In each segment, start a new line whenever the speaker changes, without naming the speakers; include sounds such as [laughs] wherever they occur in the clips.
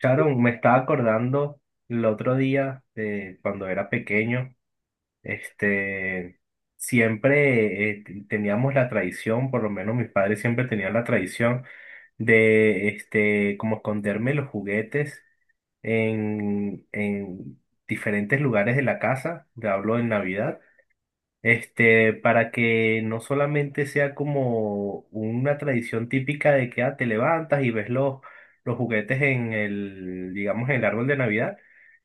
Sharon, me estaba acordando el otro día de cuando era pequeño, este, siempre teníamos la tradición. Por lo menos mis padres siempre tenían la tradición de, como esconderme los juguetes en diferentes lugares de la casa. Te hablo en Navidad. Para que no solamente sea como una tradición típica de que ah, te levantas y ves los juguetes en el, digamos, en el árbol de Navidad,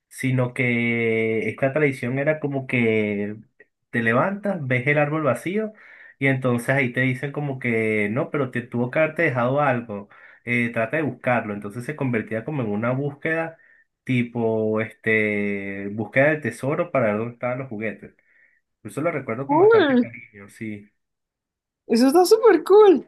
sino que esta tradición era como que te levantas, ves el árbol vacío y entonces ahí te dicen como que no, pero te tuvo que haberte dejado algo, trata de buscarlo. Entonces se convertía como en una búsqueda tipo, búsqueda del tesoro para ver dónde estaban los juguetes. Pues, eso lo recuerdo con bastante
Cool.
cariño, sí.
Eso está súper cool.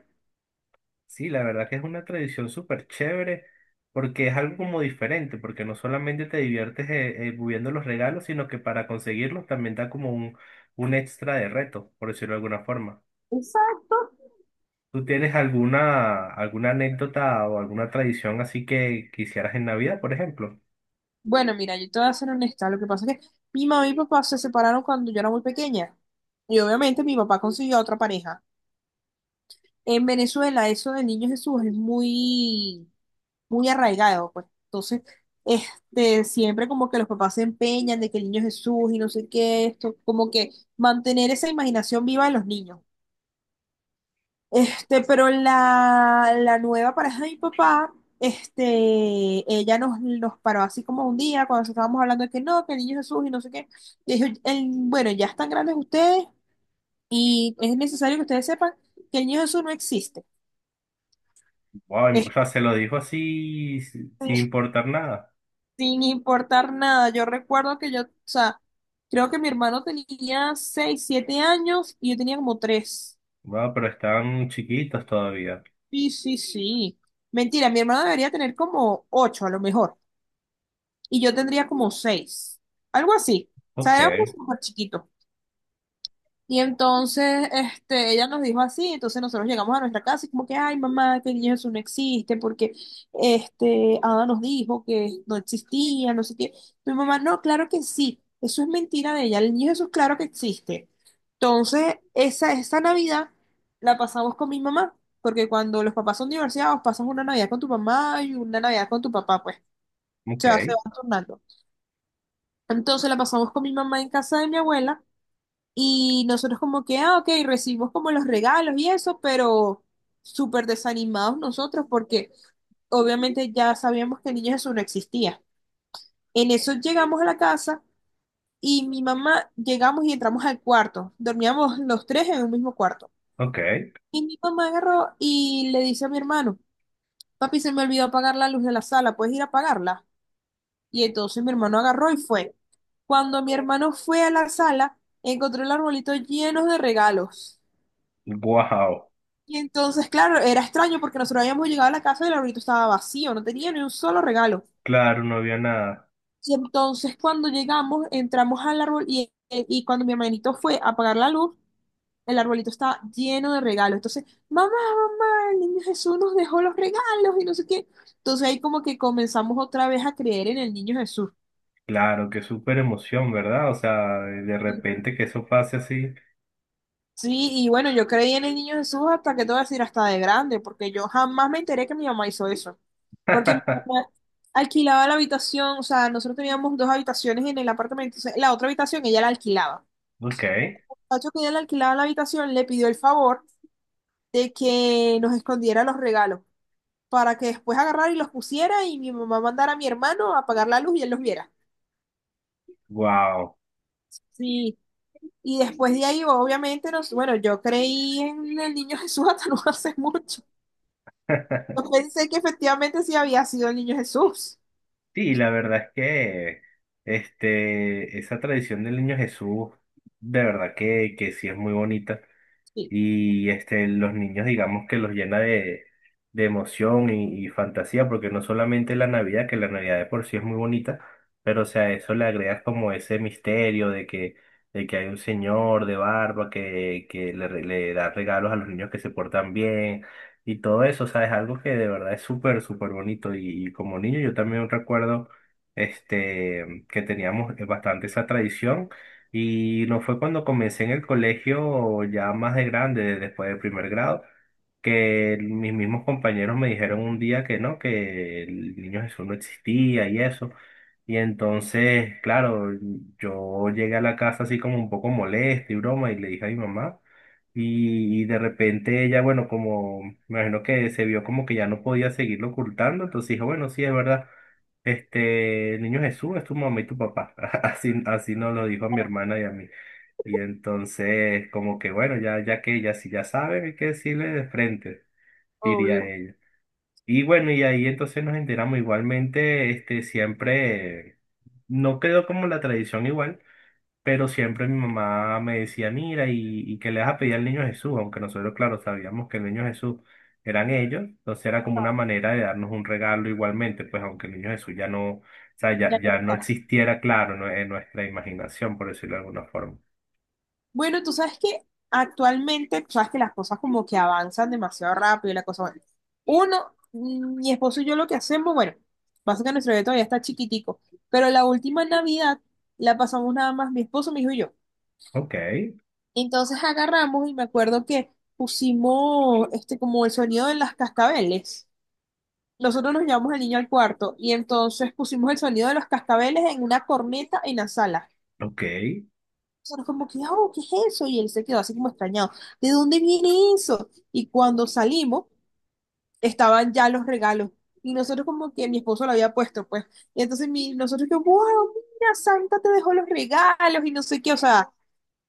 Sí, la verdad que es una tradición súper chévere, porque es algo como diferente, porque no solamente te diviertes moviendo los regalos, sino que para conseguirlos también da como un extra de reto, por decirlo de alguna forma.
Exacto.
¿Tú tienes alguna, alguna anécdota o alguna tradición así que quisieras en Navidad, por ejemplo?
Bueno, mira, yo te voy a ser honesta. Lo que pasa es que mi mamá y mi papá se separaron cuando yo era muy pequeña. Y obviamente mi papá consiguió a otra pareja. En Venezuela eso del Niño Jesús es muy, muy arraigado, pues. Entonces, siempre como que los papás se empeñan de que el Niño Jesús y no sé qué, esto, como que mantener esa imaginación viva de los niños. Pero la nueva pareja de mi papá, este, ella nos paró así como un día cuando estábamos hablando de que no, que el Niño Jesús y no sé qué. Y dijo, bueno, ya están grandes ustedes y es necesario que ustedes sepan que el Niño Jesús no existe.
Wow, o
Este,
sea, se lo dijo así sin importar nada.
sin importar nada. Yo recuerdo que yo, o sea, creo que mi hermano tenía 6, 7 años y yo tenía como 3.
Wow, pero están chiquitos todavía.
Sí, sí, sí. Mentira, mi hermano debería tener como 8 a lo mejor y yo tendría como 6. Algo así. O sea,
Ok,
éramos súper chiquitos. Y entonces, ella nos dijo así, entonces nosotros llegamos a nuestra casa y como que, ay, mamá, que el niño Jesús no existe, porque, Ada nos dijo que no existía, no sé qué. Mi mamá, no, claro que sí, eso es mentira de ella, el niño Jesús claro que existe. Entonces, esa Navidad la pasamos con mi mamá, porque cuando los papás son divorciados, pasas una Navidad con tu mamá y una Navidad con tu papá, pues, o
ok,
sea, se van turnando. Entonces la pasamos con mi mamá en casa de mi abuela. Y nosotros como que, ah, ok, recibimos como los regalos y eso, pero súper desanimados nosotros porque obviamente ya sabíamos que el niño Jesús no existía. En eso llegamos a la casa y mi mamá, llegamos y entramos al cuarto. Dormíamos los tres en un mismo cuarto.
ok.
Y mi mamá agarró y le dice a mi hermano, papi, se me olvidó apagar la luz de la sala, ¿puedes ir a apagarla? Y entonces mi hermano agarró y fue. Cuando mi hermano fue a la sala, encontró el arbolito lleno de regalos.
Wow.
Y entonces, claro, era extraño porque nosotros habíamos llegado a la casa y el arbolito estaba vacío, no tenía ni un solo regalo.
Claro, no había nada.
Y entonces cuando llegamos, entramos al árbol y cuando mi hermanito fue a apagar la luz, el arbolito estaba lleno de regalos. Entonces, mamá, mamá, el niño Jesús nos dejó los regalos y no sé qué. Entonces ahí como que comenzamos otra vez a creer en el niño Jesús.
Claro, qué súper emoción, ¿verdad? O sea, de repente que eso pase así.
Sí, y bueno, yo creí en el niño Jesús hasta que te voy a decir hasta de grande, porque yo jamás me enteré que mi mamá hizo eso. Porque mi mamá alquilaba la habitación, o sea, nosotros teníamos dos habitaciones en el apartamento, entonces la otra habitación ella la alquilaba.
Ok,
El muchacho que ella le alquilaba la habitación le pidió el favor de que nos escondiera los regalos para que después agarrara y los pusiera y mi mamá mandara a mi hermano a apagar la luz y él los viera.
wow.
Sí. Y después de ahí, obviamente, bueno, yo creí en el niño Jesús hasta [laughs] no hace mucho. Yo pensé que efectivamente sí había sido el niño Jesús.
Sí, la verdad es que esa tradición del niño Jesús, de verdad que sí es muy bonita.
Sí,
Y este, los niños digamos que los llena de emoción y fantasía, porque no solamente la Navidad, que la Navidad de por sí es muy bonita, pero o sea, a eso le agregas como ese misterio de que hay un señor de barba que le, le da regalos a los niños que se portan bien y todo eso. O sea, es algo que de verdad es súper, súper bonito y como niño yo también recuerdo que teníamos bastante esa tradición. Y lo fue cuando comencé en el colegio ya más de grande, después del primer grado, que mis mismos compañeros me dijeron un día que no, que el niño Jesús no existía y eso. Y entonces, claro, yo llegué a la casa así como un poco molesto y broma y le dije a mi mamá. Y de repente ella, bueno, como me imagino que se vio como que ya no podía seguirlo ocultando, entonces dijo, bueno, sí, es verdad. Este, el niño Jesús es tu mamá y tu papá. [laughs] Así, así nos lo dijo a mi hermana y a mí. Y entonces, como que bueno, ya, ya que ya si ya saben, hay que decirle de frente, diría
obvio.
ella. Y bueno, y ahí entonces nos enteramos igualmente, siempre, no quedó como la tradición igual, pero siempre mi mamá me decía, mira, y que le vas a pedir al niño Jesús, aunque nosotros, claro, sabíamos que el niño Jesús eran ellos. Entonces era como una manera de darnos un regalo igualmente, pues aunque el niño Jesús ya no, o sea,
Ya
ya, ya no
está.
existiera, claro, no- en nuestra imaginación, por decirlo de alguna forma.
Bueno, tú sabes que actualmente, tú sabes que las cosas como que avanzan demasiado rápido y la cosa, bueno. Uno, mi esposo y yo lo que hacemos, bueno, pasa que nuestro bebé todavía está chiquitico, pero la última Navidad la pasamos nada más mi esposo, mi hijo y yo.
Ok,
Entonces agarramos y me acuerdo que pusimos como el sonido de las cascabeles. Nosotros nos llevamos al niño al cuarto y entonces pusimos el sonido de los cascabeles en una corneta en la sala.
ok,
Nosotros como que, oh, ¿qué es eso? Y él se quedó así como extrañado. ¿De dónde viene eso? Y cuando salimos, estaban ya los regalos. Y nosotros como que mi esposo lo había puesto, pues. Y entonces nosotros que, wow, mira, Santa te dejó los regalos y no sé qué. O sea,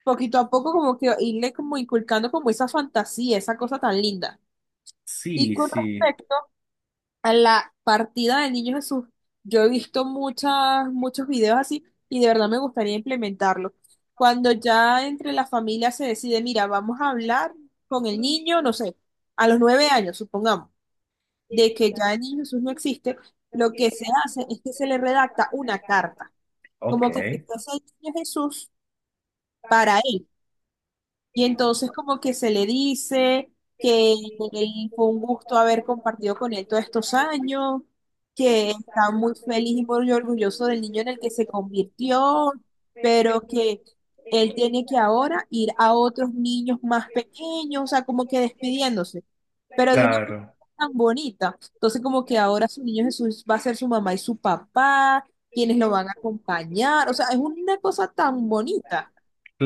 poquito a poco como que irle como inculcando como esa fantasía, esa cosa tan linda. Y
sí,
con
sí,
respecto a la partida del Niño Jesús. Yo he visto muchas, muchos videos así y de verdad me gustaría implementarlo. Cuando ya entre la familia se decide, mira, vamos a hablar con el niño, no sé, a los 9 años, supongamos, de que ya el Niño Jesús no existe, lo que se hace es que se le redacta una carta,
ok,
como que si fuese el Niño Jesús para él. Y entonces como que se le dice que fue un gusto haber compartido con él todos estos años, que está muy feliz y muy orgulloso del niño en el que se convirtió, pero que él tiene que ahora ir a otros niños más pequeños, o sea, como que despidiéndose, pero de una manera
claro.
tan bonita. Entonces como que ahora su niño Jesús va a ser su mamá y su papá, quienes lo van a acompañar, o sea, es una cosa tan bonita.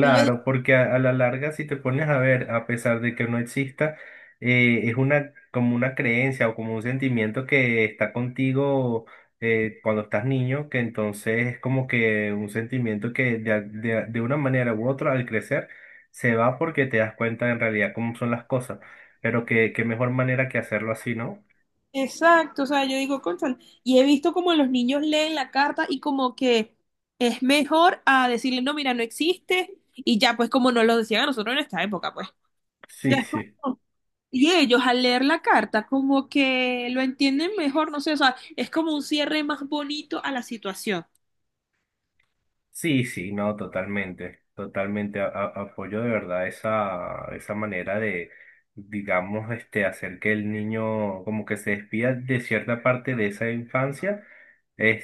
Que yo
porque a la larga, si te pones a ver, a pesar de que no exista, es una como una creencia o como un sentimiento que está contigo cuando estás niño, que entonces es como que un sentimiento que de, de una manera u otra al crecer se va porque te das cuenta en realidad cómo son las cosas, pero que qué mejor manera que hacerlo así, ¿no?
Exacto, o sea, yo digo, cónchale, y he visto como los niños leen la carta y como que es mejor a decirle, no, mira, no existe, y ya pues como nos lo decían a nosotros en esta época, pues.
[laughs]
[laughs] Ya
Sí,
es
sí.
como- Y ellos al leer la carta como que lo entienden mejor, no sé, o sea, es como un cierre más bonito a la situación.
Sí, sí, no, totalmente, totalmente. A apoyo de verdad esa, esa manera de, digamos, hacer que el niño como que se despida de cierta parte de esa infancia.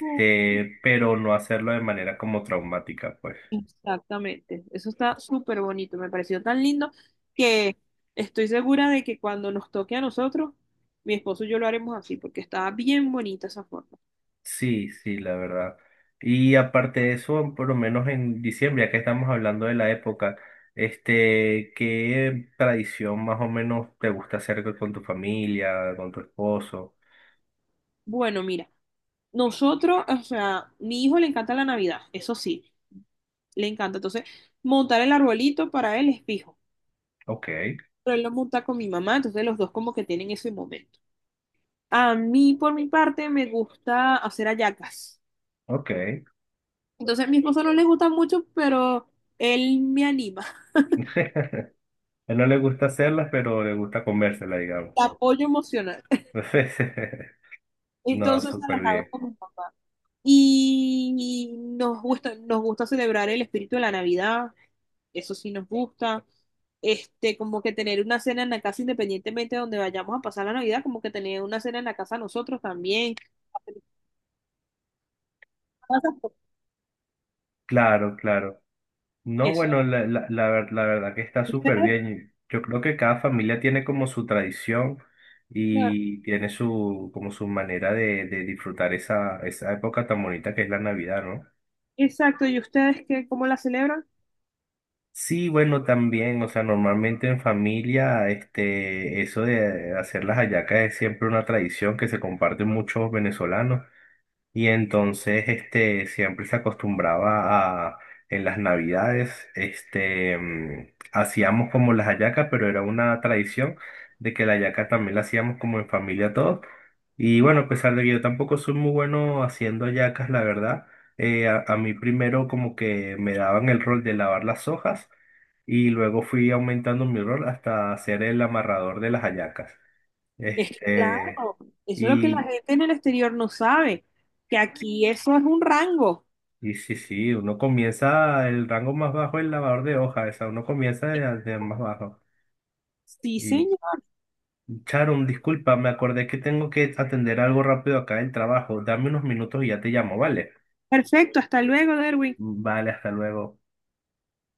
Mm.
Pero no hacerlo de manera como traumática, pues.
Exactamente, eso está súper bonito, me pareció tan lindo que estoy segura de que cuando nos toque a nosotros, mi esposo y yo lo haremos así, porque está bien bonita esa forma.
Sí, sí, la verdad. Y aparte de eso, por lo menos en diciembre, ya que estamos hablando de la época, ¿qué tradición más o menos te gusta hacer con tu familia, con tu esposo?
Bueno, mira, nosotros, o sea, mi hijo le encanta la Navidad, eso sí, le encanta. Entonces, montar el arbolito para él es fijo.
Ok.
Pero él lo monta con mi mamá, entonces los dos como que tienen ese momento. A mí, por mi parte, me gusta hacer hallacas.
Ok. [laughs]
Entonces, a mi esposo no le gusta mucho, pero él me anima,
Él no le gusta hacerlas, pero le gusta comérselas, digamos.
[laughs] apoyo emocional.
[laughs] No,
Entonces, se
súper
las hago
bien.
con mi papá. Y nos gusta celebrar el espíritu de la Navidad. Eso sí nos gusta. Este, como que tener una cena en la casa independientemente de donde vayamos a pasar la Navidad, como que tener una cena en la casa nosotros también.
Claro, claro. No,
Eso.
bueno, la verdad que está súper bien. Yo creo que cada familia tiene como su tradición
Claro,
y tiene su, como su manera de disfrutar esa, esa época tan bonita que es la Navidad, ¿no?
exacto. ¿Y ustedes qué, cómo la celebran?
Sí, bueno, también, o sea, normalmente en familia, eso de hacer las hallacas es siempre una tradición que se comparte muchos venezolanos. Y entonces, siempre se acostumbraba a, en las navidades, hacíamos como las hallacas, pero era una tradición de que la hallaca también la hacíamos como en familia todos. Y
Bien.
bueno, a pesar de que yo tampoco soy muy bueno haciendo hallacas, la verdad, a mí primero como que me daban el rol de lavar las hojas y luego fui aumentando mi rol hasta ser el amarrador de las hallacas.
Es que,
Este,
claro, eso es lo que la
y,
gente en el exterior no sabe, que aquí eso es un rango.
Y sí, sí, uno comienza el rango más bajo, el lavador de hojas, o sea, uno comienza de más bajo.
Sí,
Y
señor.
Sharon, disculpa, me acordé que tengo que atender algo rápido acá en el trabajo. Dame unos minutos y ya te llamo, ¿vale?
Perfecto, hasta luego, Derwin.
Vale, hasta luego.